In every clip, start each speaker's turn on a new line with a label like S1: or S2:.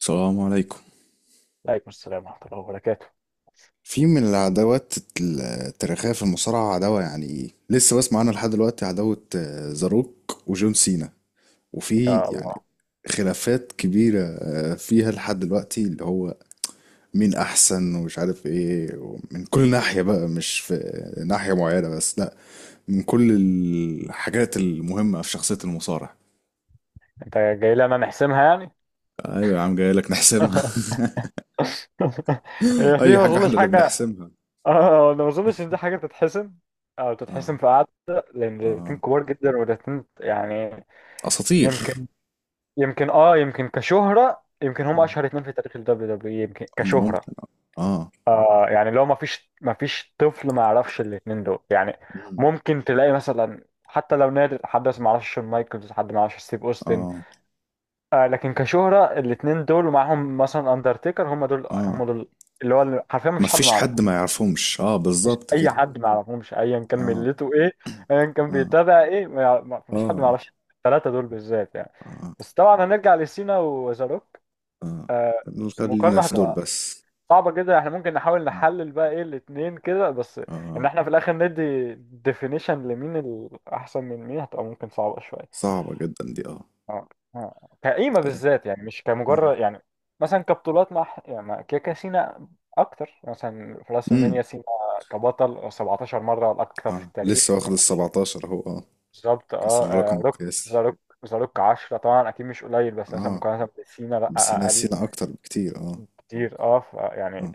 S1: السلام عليكم.
S2: عليكم السلام ورحمة الله وبركاته.
S1: في من العداوات التاريخية في المصارعة عداوة لسه بسمع عنها لحد دلوقتي، عداوة زاروك وجون سينا، وفي
S2: يا الله،
S1: خلافات كبيرة فيها لحد دلوقتي، اللي هو مين أحسن ومش عارف إيه، من كل ناحية بقى، مش في ناحية معينة بس، لأ، من كل الحاجات المهمة في شخصية المصارع.
S2: انت جاي لنا نحسمها يعني.
S1: ايوه يا عم، جاي لك نحسمها.
S2: هي دي
S1: أي
S2: ما
S1: حاجة إحنا
S2: اظنش
S1: اللي
S2: حاجة.
S1: بنحسمها.
S2: اه انا ما اظنش ان دي حاجة تتحسم او تتحسم
S1: اه.
S2: في قعدة، لان الاتنين
S1: اه،
S2: كبار جدا والاتنين يعني
S1: اساطير.
S2: يمكن يمكن كشهرة، يمكن هم
S1: آه.
S2: اشهر اتنين في تاريخ ال WWE يمكن كشهرة.
S1: ممكن. اه.
S2: آه يعني لو ما فيش طفل ما يعرفش الاتنين دول يعني،
S1: مم.
S2: ممكن تلاقي مثلا حتى لو نادر حد ما يعرفش شون مايكلز، حد ما يعرفش ستيف اوستن.
S1: اه.
S2: آه لكن كشهرة الاتنين دول ومعاهم مثلا اندرتيكر، هم دول
S1: اه،
S2: هم دول اللي حرفيا مفيش حد ما
S1: مفيش
S2: يعرفه.
S1: حد ما يعرفهمش، اه
S2: مفيش
S1: بالظبط
S2: اي
S1: كده.
S2: حد ما يعرفهمش ايا كان
S1: اه.
S2: ملته ايه، ايا كان
S1: اه.
S2: بيتابع ايه، ما يع- ما- مفيش حد ما
S1: اه.
S2: يعرفش الثلاثة دول بالذات يعني.
S1: اه.
S2: بس طبعا هنرجع لسينا وزاروك.
S1: اه،
S2: آه
S1: خلينا
S2: المقارنة
S1: في دول
S2: هتبقى
S1: بس.
S2: صعبة جدا، احنا ممكن نحاول
S1: اه.
S2: نحلل بقى ايه الاتنين كده بس، ان
S1: آه.
S2: احنا في الاخر ندي ديفينيشن لمين الاحسن من مين، هتبقى ممكن صعبة شوية.
S1: صعبة جدا دي، اه.
S2: اه اه. كقيمة
S1: طيب.
S2: بالذات يعني مش
S1: اه.
S2: كمجرد يعني مثلا كبطولات، يعني مع كيكا سينا أكتر، مثلا في راس
S1: امم.
S2: المنيا سينا كبطل 17 مرة، الأكثر
S1: اه،
S2: في التاريخ.
S1: لسه واخد ال 17 اهو، اه،
S2: بالظبط.
S1: كسر
S2: اه
S1: الرقم
S2: آه، روك ذا
S1: القياسي.
S2: روك، ذا روك 10 طبعا، أكيد مش قليل، بس مثلا
S1: اه،
S2: مقارنة بسينا لأ،
S1: بس
S2: أقل
S1: نسينا اكتر بكتير، اه.
S2: كتير.
S1: اه.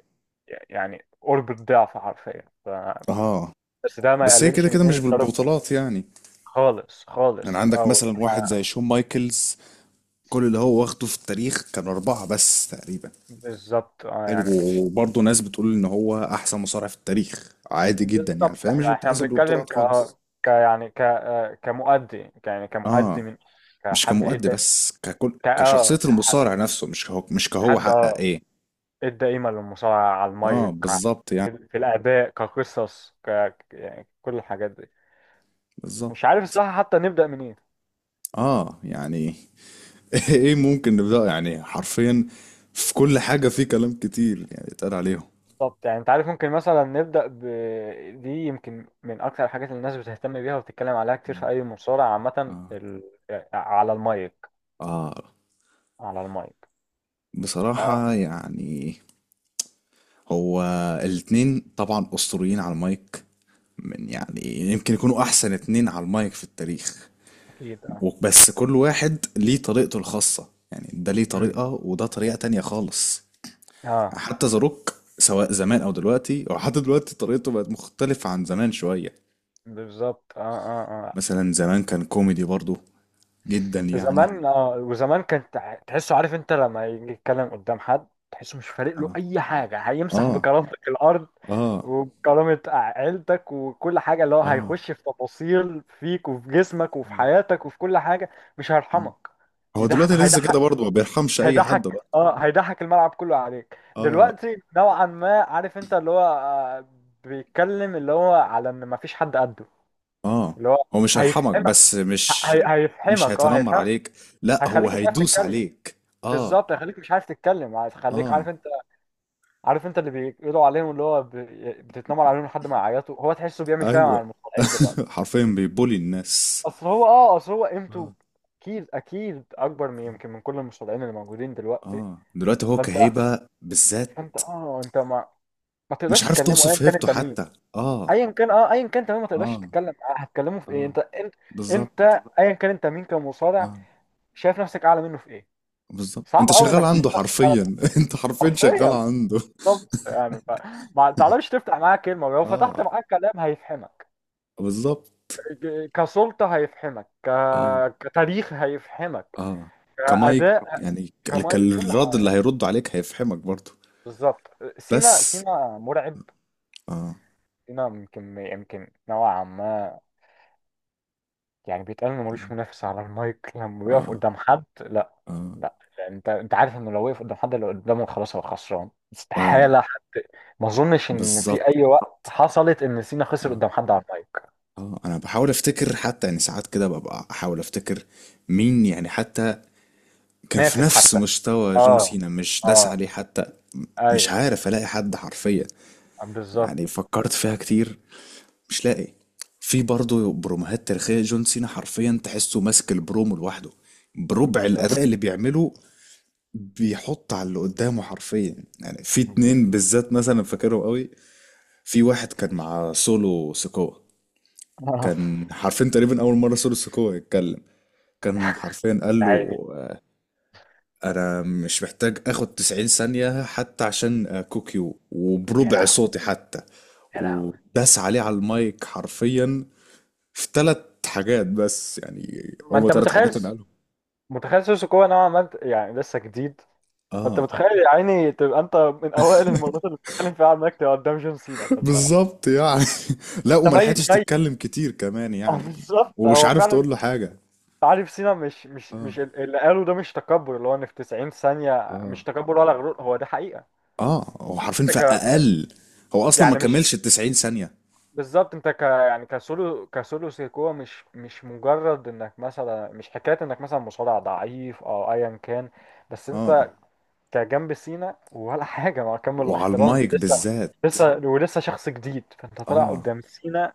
S2: يعني قرب الضعف حرفيا.
S1: آه.
S2: بس ده ما
S1: بس هي كده
S2: يقللش من
S1: كده
S2: قيمة
S1: مش
S2: ذا روك
S1: بالبطولات يعني.
S2: خالص
S1: يعني
S2: خالص.
S1: عندك مثلا واحد زي شون مايكلز، كل اللي هو واخده في التاريخ كان أربعة بس تقريبا.
S2: بالظبط. اه
S1: حلو،
S2: يعني مش،
S1: وبرضه ناس بتقول ان هو احسن مصارع في التاريخ عادي جدا، يعني
S2: بالظبط،
S1: فهي مش
S2: احنا
S1: بتحسب
S2: بنتكلم
S1: البطولات
S2: ك
S1: خالص.
S2: ك يعني ك آه، كمؤدي، يعني كمؤدي،
S1: اه،
S2: من
S1: مش
S2: كحد
S1: كمؤدي
S2: ادى،
S1: بس، ككل،
S2: ك اه
S1: كشخصية
S2: كحد
S1: المصارع نفسه، مش كهو، مش كهو
S2: حد
S1: حقق
S2: اه
S1: ايه.
S2: ادى قيمة للمصارعة، على
S1: اه
S2: المايك،
S1: بالظبط يعني.
S2: في الاداء، كقصص، يعني كل الحاجات دي.
S1: بالظبط
S2: مش عارف الصراحة حتى نبدأ منين.
S1: اه. يعني ايه ممكن نبدأ يعني حرفيا في كل حاجة، في كلام كتير يعني اتقال عليهم.
S2: بالظبط يعني انت عارف، ممكن مثلا نبدأ ب دي يمكن من اكتر الحاجات اللي الناس بتهتم بيها وبتتكلم عليها كتير في اي مصارعة عامة،
S1: اه.
S2: ال... على المايك.
S1: اه.
S2: على المايك. اه
S1: بصراحة يعني، هو الاتنين طبعا أسطوريين على المايك، من يعني يمكن يكونوا احسن اتنين على المايك في التاريخ.
S2: اكيد اه.
S1: بس كل واحد ليه طريقته الخاصة، يعني ده ليه
S2: امم.
S1: طريقة وده طريقة تانية خالص.
S2: اه
S1: حتى ذا روك، سواء زمان او دلوقتي، او حتى دلوقتي طريقته بقت مختلفة عن زمان شوية.
S2: بالظبط. اه اه اه.
S1: مثلا زمان كان كوميدي برضو جدا يعني.
S2: زمان. اه وزمان كان تحسه عارف، انت لما يجي يتكلم قدام حد تحسه مش فارق له
S1: اه.
S2: اي حاجه، هيمسح
S1: اه.
S2: بكرامتك الارض
S1: اه.
S2: وبكرامه عيلتك وكل حاجه، اللي هو
S1: اه.
S2: هيخش في تفاصيل فيك وفي جسمك وفي حياتك وفي كل حاجه، مش
S1: آه.
S2: هيرحمك.
S1: هو دلوقتي
S2: يضحك.
S1: لسه كده
S2: هيضحك.
S1: برضو، ما بيرحمش اي حد بقى.
S2: هيضحك الملعب كله عليك
S1: اه.
S2: دلوقتي نوعا ما، عارف انت، اللي هو بيتكلم اللي هو على ان مفيش حد قده،
S1: اه،
S2: اللي هو
S1: هو مش هيرحمك،
S2: هيفهم،
S1: بس مش مش
S2: هيفحمك اه
S1: هيتنمر
S2: هيفحمك
S1: عليك، لا هو
S2: هيخليك مش عارف
S1: هيدوس
S2: تتكلم.
S1: عليك. اه.
S2: بالظبط، هيخليك مش عارف تتكلم، هيخليك
S1: اه.
S2: عارف انت، عارف انت اللي بيقولوا عليهم، اللي هو ب... بتتنمر عليهم لحد ما يعيطوا، هو تحسه بيعمل كده مع
S1: ايوه.
S2: المصارعين دلوقتي.
S1: حرفيا بيبولي الناس.
S2: اصل هو، اصل هو قيمته
S1: اه.
S2: اكيد، اكيد اكبر من، يمكن من كل المصارعين اللي موجودين دلوقتي.
S1: اه دلوقتي هو
S2: فانت،
S1: كهيبة بالذات.
S2: فانت اه انت ما ما
S1: مش
S2: تقدرش
S1: عارف
S2: تكلمه ايا
S1: توصف
S2: كان
S1: هيبته
S2: انت مين،
S1: حتى، اه.
S2: ايا كان ايا كان، تمام، ما تقدرش
S1: اه.
S2: تتكلم معاه، هتكلمه في ايه
S1: اه
S2: انت؟ انت
S1: بالظبط.
S2: ايا كان انت مين كمصارع،
S1: اه
S2: شايف نفسك اعلى منه في ايه؟
S1: بالظبط،
S2: صعب
S1: انت
S2: قوي
S1: شغال
S2: انك تشوف
S1: عنده
S2: نفسك
S1: حرفيا. انت حرفيا شغال
S2: حرفيا.
S1: عنده.
S2: بالظبط يعني. ف... ما تعرفش تفتح معاه كلمة، ولو فتحت
S1: اه
S2: معاه كلام هيفهمك،
S1: بالظبط.
S2: كسلطة هيفهمك، ك...
S1: اه.
S2: كتاريخ هيفهمك،
S1: اه، كمايك
S2: كأداء،
S1: يعني،
S2: كمايك، كل
S1: كالرد اللي
S2: حاجة.
S1: هيرد عليك هيفهمك برضه.
S2: بالظبط. سينا،
S1: بس.
S2: سينا مرعب.
S1: اه.
S2: سينا يمكن نوعا ما، يعني بيتقال انه ملوش منافس على المايك، لما بيقف
S1: اه.
S2: قدام حد لا،
S1: اه.
S2: لا. انت عارف انه لو وقف قدام حد اللي قدامه خلاص هو خسران،
S1: اه
S2: استحالة حد. ما اظنش ان في
S1: بالظبط.
S2: اي وقت حصلت ان سينا خسر
S1: اه.
S2: قدام حد على المايك،
S1: اه، انا بحاول افتكر حتى، يعني ساعات كده ببقى احاول افتكر مين يعني حتى كان في
S2: نافس
S1: نفس
S2: حتى.
S1: مستوى جون
S2: آه.
S1: سينا مش داس
S2: اه
S1: عليه حتى. م-
S2: اه.
S1: مش
S2: ايوه.
S1: عارف الاقي حد حرفيا.
S2: بالظبط.
S1: يعني فكرت فيها كتير، مش لاقي. في برضه بروموهات تاريخية جون سينا حرفيا تحسه ماسك البرومو لوحده بربع
S2: بالظبط.
S1: الأداء اللي بيعمله، بيحط على اللي قدامه حرفيا. يعني في اتنين بالذات مثلا فاكرهم قوي. في واحد كان مع سولو سكوا،
S2: آه.
S1: كان حرفيا تقريبا اول مره سولو سكوا يتكلم، كان حرفيا قال
S2: يا عيني.
S1: له انا مش محتاج اخد 90 ثانيه حتى عشان كوكيو،
S2: يا
S1: وبربع
S2: لهوي.
S1: صوتي حتى،
S2: يا لهوي.
S1: وداس عليه على المايك حرفيا في ثلاث حاجات بس يعني.
S2: ما
S1: هما
S2: انت
S1: ثلاث
S2: متخيل.
S1: حاجات انا قالهم.
S2: متخيل سوسوكو نوعا ما يعني لسه جديد، فانت
S1: اه.
S2: متخيل يا عيني تبقى انت من اوائل المرات اللي بتتكلم فيها عنك، تبقى قدام جون سينا، فانت انت
S1: بالظبط يعني. لا، وما
S2: ميت
S1: لحقتش
S2: ميت.
S1: تتكلم كتير كمان
S2: اه
S1: يعني.
S2: بالظبط،
S1: ومش
S2: هو
S1: عارف
S2: فعلا.
S1: تقول له حاجه.
S2: عارف، سينا مش مش
S1: اه.
S2: مش ال- اللي قاله ده مش تكبر، اللي هو ان في 90 ثانية، مش
S1: اه.
S2: تكبر ولا غرور، هو ده حقيقة.
S1: اه، هو حرفيا
S2: انت
S1: في
S2: ك
S1: اقل، هو اصلا ما
S2: يعني مش
S1: كملش ال 90 ثانية.
S2: بالظبط، انت ك يعني كسولو سيكوا، مش مش مجرد انك مثلا مش حكايه انك مثلا مصارع ضعيف او ايا كان، بس
S1: اه.
S2: انت كجنب سينا ولا حاجه، مع كامل
S1: وعلى
S2: الاحترام، انت
S1: المايك
S2: لسه،
S1: بالذات.
S2: لسه ولسه شخص جديد، فانت طالع
S1: اه،
S2: قدام سينا،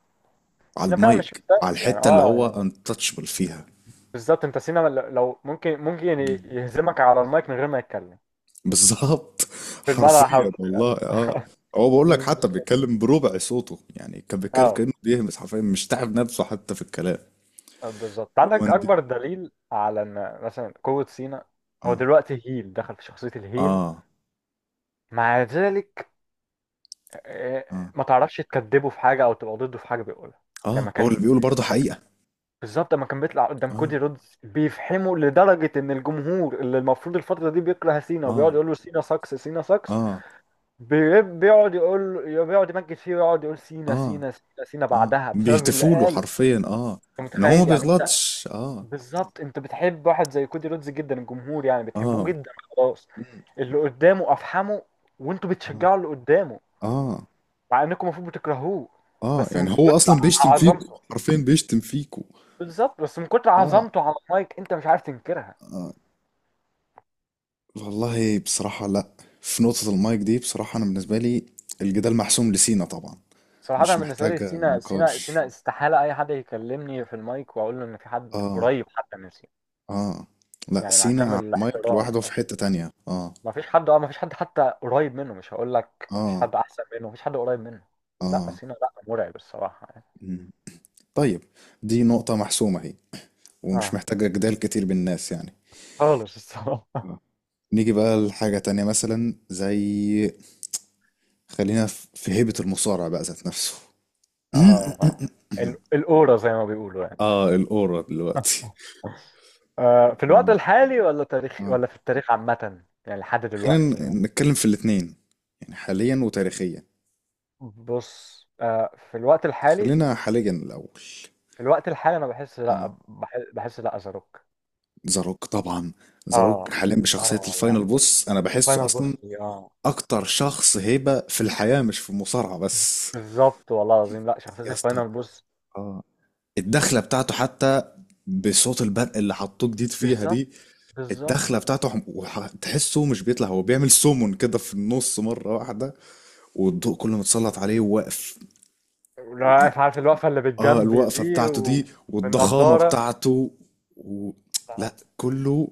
S1: على
S2: سينا فعلا مش
S1: المايك على
S2: مستاهل يعني،
S1: الحتة اللي
S2: اه
S1: هو
S2: يعني
S1: untouchable فيها.
S2: بالظبط. انت سينا لو ممكن، ممكن يهزمك على المايك من غير ما يتكلم،
S1: بالظبط.
S2: في المعنى
S1: حرفيا
S2: الحرفي يعني.
S1: والله، اه. هو بقول لك حتى
S2: بالظبط.
S1: بيتكلم بربع صوته، يعني كان بيتكلم
S2: اه
S1: كأنه بيهمس حرفيا، مش تعب نفسه حتى في الكلام.
S2: بالظبط، عندك
S1: ومن دي.
S2: اكبر دليل على ان مثلا قوة سينا، هو
S1: اه.
S2: دلوقتي هيل، دخل في شخصية الهيل،
S1: اه.
S2: مع ذلك، آه،
S1: اه.
S2: ما تعرفش تكذبه في حاجة او تبقى ضده في حاجة بيقولها. لما
S1: اه. هو
S2: كان
S1: اللي بيقوله برضه
S2: لما ك-
S1: حقيقة.
S2: بالظبط، لما كان بيطلع قدام
S1: اه.
S2: كودي رودز، بيفحمه لدرجة ان الجمهور اللي المفروض الفترة دي بيكره سينا وبيقعد
S1: اه.
S2: يقول له سينا ساكس سينا ساكس،
S1: اه.
S2: بيقعد يمجد فيه ويقعد يقول سينا
S1: اه.
S2: سينا سينا سينا
S1: اه،
S2: بعدها، بسبب اللي
S1: بيهتفوا له
S2: قاله.
S1: حرفيا، اه،
S2: انت
S1: ان هو ما
S2: متخيل يعني؟
S1: بيغلطش، اه.
S2: بالظبط، انت بتحب واحد زي كودي رودز جدا الجمهور، يعني بتحبوه
S1: اه.
S2: جدا، خلاص،
S1: مم.
S2: اللي قدامه افحمه، وانتوا
S1: اه.
S2: بتشجعوا اللي قدامه
S1: اه.
S2: مع انكم المفروض بتكرهوه،
S1: اه.
S2: بس من
S1: يعني هو
S2: كتر
S1: اصلا بيشتم فيكو،
S2: عظمته.
S1: حرفيا بيشتم فيكو.
S2: بالظبط، بس من كتر
S1: اه.
S2: عظمته على المايك انت مش عارف تنكرها.
S1: اه. والله بصراحة لا، في نقطة المايك دي بصراحة انا بالنسبة لي الجدال محسوم لسينا طبعا.
S2: صراحة أنا
S1: مش
S2: بالنسبة لي
S1: محتاجة
S2: سينا، سينا،
S1: نقاش.
S2: سينا، استحالة أي حد يكلمني في المايك وأقول له إن في حد
S1: اه.
S2: قريب حتى من سينا،
S1: اه. لا
S2: يعني مع
S1: سينا
S2: كامل
S1: على المايك
S2: الاحترام
S1: لوحده في
S2: يعني.
S1: حتة تانية، اه.
S2: ما فيش حد، ما فيش حد حتى قريب منه، مش هقول لك ما فيش
S1: اه.
S2: حد أحسن منه، ما فيش حد قريب منه. لا
S1: اه.
S2: سينا لا، مرعب الصراحة يعني.
S1: مم. طيب، دي نقطة محسومة اهي، ومش
S2: اه
S1: محتاجة جدال كتير بالناس يعني.
S2: خالص الصراحة.
S1: آه. نيجي بقى لحاجة تانية مثلا زي، خلينا في هيبة المصارع بقى ذات نفسه.
S2: اه، ال- الأورا زي ما بيقولوا يعني.
S1: اه الأورا دلوقتي.
S2: في الوقت
S1: آه.
S2: الحالي ولا تاريخ،
S1: آه.
S2: ولا في التاريخ عامة يعني لحد
S1: خلينا
S2: دلوقتي مثلا؟
S1: نتكلم في الاتنين، يعني حاليا وتاريخيا.
S2: بص، في الوقت الحالي،
S1: خلينا حاليا الأول.
S2: في الوقت الحالي أنا بحس،
S1: اه،
S2: لا بحس، لا أزاروك.
S1: زاروك طبعا. زاروك
S2: اه
S1: حاليا بشخصية
S2: اه، لا
S1: الفاينل بوس
S2: مش-
S1: أنا بحسه
S2: الفاينل
S1: أصلا
S2: بوس، اه
S1: أكتر شخص هيبة في الحياة، مش في المصارعة بس.
S2: بالظبط والله العظيم، لا شخصية
S1: يا اسطى.
S2: الفاينل بوس.
S1: اه. الدخلة بتاعته حتى، بصوت البرق اللي حطوه جديد فيها
S2: بالظبط،
S1: دي،
S2: بالظبط.
S1: الدخله بتاعته تحسه مش بيطلع، هو بيعمل سمون كده في النص مره واحده، والضوء كله متسلط عليه وواقف
S2: لا
S1: و-
S2: عارف، عارف الوقفة اللي
S1: اه
S2: بالجنب
S1: الوقفه
S2: دي
S1: بتاعته دي والضخامه
S2: وبالنضارة.
S1: بتاعته و... لا، كله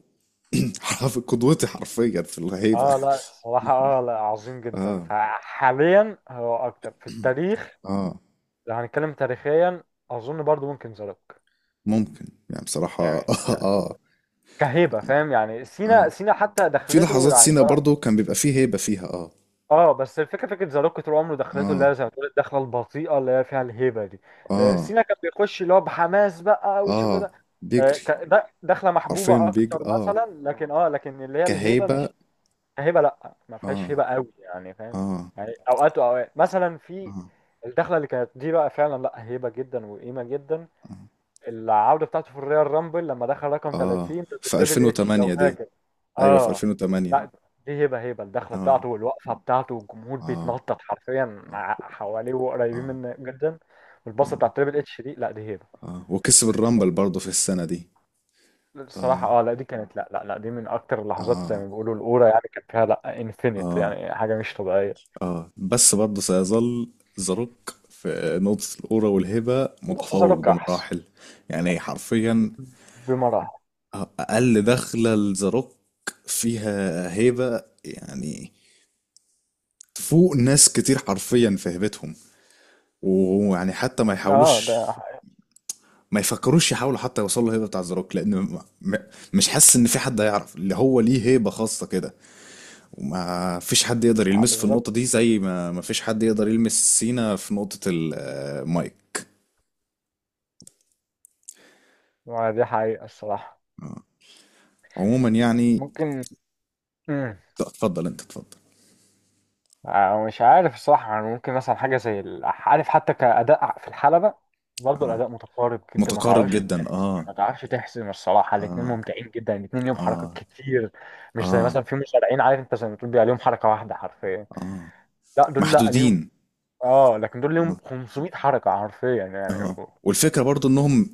S1: حرف قدوتي حرفيا في الهيبه.
S2: اه لا الصراحة، اه لا عظيم جدا،
S1: اه.
S2: فحاليا هو اكتر. في التاريخ
S1: اه.
S2: لو هنتكلم تاريخيا، اظن برضو ممكن زاروك
S1: ممكن يعني بصراحه، اه،
S2: يعني، كهيبة، فاهم يعني،
S1: آه.
S2: سينا سينا حتى
S1: في
S2: دخلته
S1: لحظات
S2: يعني
S1: سينا
S2: لا.
S1: برضو كان بيبقى فيه هيبه فيها، اه.
S2: اه بس الفكرة، فكرة زاروك طول عمره دخلته اللي
S1: اه.
S2: هي زي ما تقول الدخلة البطيئة اللي هي فيها الهيبة دي،
S1: اه.
S2: سينا كان بيخش اللي هو بحماس بقى والشغل
S1: اه،
S2: ده،
S1: بيجري،
S2: ده دخلة
S1: حرفيا
S2: محبوبة
S1: بيجري،
S2: اكتر
S1: اه،
S2: مثلا لكن، لكن اللي هي الهيبة
S1: كهيبه.
S2: مش، هبه لا ما
S1: اه.
S2: فيهاش هبه قوي يعني، فاهم
S1: اه.
S2: يعني، اوقات واوقات. مثلا في
S1: اه.
S2: الدخله اللي كانت دي بقى فعلا لا، هبه جدا وقيمه جدا.
S1: آه.
S2: العوده بتاعته في الريال رامبل لما دخل رقم
S1: آه.
S2: 30 ضد
S1: في
S2: تريبل اتش لو
S1: 2008 دي.
S2: فاكر.
S1: أيوة في
S2: اه
S1: 2008.
S2: لا دي هبه، هبه، الدخله
S1: آه.
S2: بتاعته والوقفه بتاعته والجمهور
S1: آه.
S2: بيتنطط حرفيا
S1: آه.
S2: حواليه وقريبين
S1: آه
S2: منه جدا، والباصه
S1: آه,
S2: بتاعت تريبل اتش دي، لا دي هبه.
S1: آه. وكسب الرامبل برضه في السنة دي.
S2: الصراحة
S1: آه.
S2: اه لا دي كانت، لا لا لا، دي من أكتر اللحظات زي
S1: آه.
S2: ما بيقولوا الأورا يعني، كانت فيها لا انفينيت
S1: آه.
S2: يعني، حاجة مش طبيعية.
S1: آه، بس برضه سيظل ذا روك في نقطة الأورا والهبة
S2: بس
S1: متفوق
S2: أتوقع أحسن
S1: بمراحل. يعني حرفيا
S2: بمراحل.
S1: أقل دخلة لذا روك فيها هيبة، يعني تفوق ناس كتير حرفيا في هيبتهم، ويعني حتى ما
S2: اه
S1: يحاولوش،
S2: ده حقيقة.
S1: ما يفكروش يحاولوا حتى يوصلوا الهيبه بتاع زاروك، لان مش حاسس ان في حد هيعرف اللي هو ليه هيبه خاصه كده، وما فيش حد يقدر
S2: آه
S1: يلمسه في
S2: بالظبط.
S1: النقطه دي، زي ما ما فيش حد يقدر يلمس سينا في نقطه المايك.
S2: ما دي حقيقة الصراحة.
S1: آه. عموما يعني،
S2: ممكن. مم.
S1: اتفضل انت، اتفضل.
S2: آه مش عارف الصراحة يعني، ممكن مثلا حاجة زي ال- عارف، حتى كأداء في الحلبة، برضه الأداء متقارب جدا، ما
S1: متقارب
S2: تعرفش
S1: جدا
S2: تحسم،
S1: اه.
S2: ما تعرفش تحسم الصراحة، الاتنين
S1: اه.
S2: ممتعين جدا، الاتنين ليهم
S1: اه.
S2: حركات كتير، مش زي
S1: اه.
S2: مثلا في مصارعين عارف انت زي ما تقول بيبقى ليهم حركة واحدة حرفيا،
S1: اه،
S2: لا دول لا ليهم،
S1: محدودين.
S2: اه، لكن دول ليهم
S1: اه.
S2: 500 حركة حرفيا يعني.
S1: اه، والفكره برضو انهم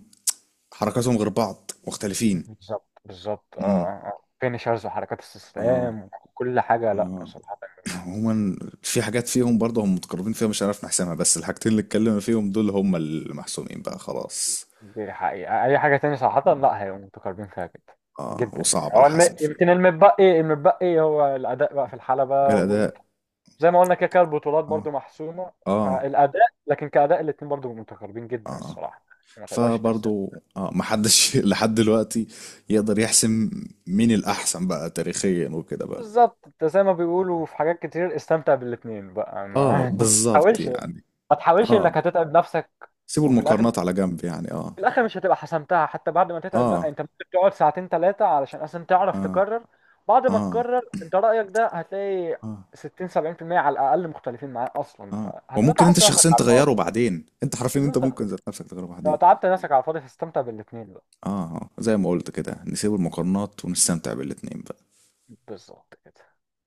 S1: حركاتهم غير بعض، مختلفين.
S2: بالظبط، بالظبط. اه آه،
S1: امم.
S2: آه. فينيشرز وحركات
S1: اه.
S2: استسلام وكل حاجة، لا
S1: اه.
S2: صراحة
S1: عموما في حاجات فيهم برضه هم متقربين فيها مش هنعرف نحسمها، بس الحاجتين اللي اتكلمنا فيهم دول هم المحسومين بقى خلاص.
S2: دي حقيقة، أي حاجة تاني صراحة
S1: آه.
S2: لا، هيبقوا متقاربين فيها جدا
S1: اه،
S2: جدا، يعني
S1: وصعب
S2: هو
S1: الحسم
S2: الم...
S1: فيها.
S2: يمكن المتبقي، المتبقي هو الأداء بقى في الحلبة وال...
S1: الأداء.
S2: زي ما قلنا كده كده، البطولات
S1: اه.
S2: برضو محسومة،
S1: اه.
S2: فالأداء، لكن كأداء الاتنين برضو متقاربين جدا
S1: اه.
S2: الصراحة، ما تقدرش تحسب.
S1: فبرضه اه محدش لحد دلوقتي يقدر يحسم مين الأحسن بقى تاريخيا وكده بقى.
S2: بالظبط، انت زي ما بيقولوا في حاجات كتير استمتع بالاتنين بقى،
S1: اه
S2: ما ما
S1: بالظبط
S2: تحاولش،
S1: يعني.
S2: ما تحاولش
S1: اه،
S2: انك هتتعب نفسك،
S1: سيبوا
S2: وفي الاخر،
S1: المقارنات على جنب يعني، اه.
S2: في الاخر مش هتبقى حسمتها حتى بعد ما تتعب، لا
S1: اه.
S2: انت ممكن تقعد ساعتين ثلاثه علشان اصلا تعرف
S1: اه.
S2: تكرر، بعد ما
S1: اه.
S2: تكرر انت رايك ده هتلاقي
S1: اه.
S2: 60 70% على الاقل مختلفين معاه اصلا،
S1: اه،
S2: فهتبقى
S1: وممكن انت
S2: تعبت نفسك
S1: شخصيا
S2: على
S1: تغيره
S2: الفاضي.
S1: بعدين، انت حرفيا، انت
S2: بالظبط،
S1: ممكن ذات نفسك تغيره
S2: لو
S1: بعدين.
S2: تعبت نفسك على الفاضي، هتستمتع بالاثنين بقى.
S1: اه. آه، زي ما قلت كده نسيب المقارنات ونستمتع بالاتنين بقى.
S2: بالظبط كده.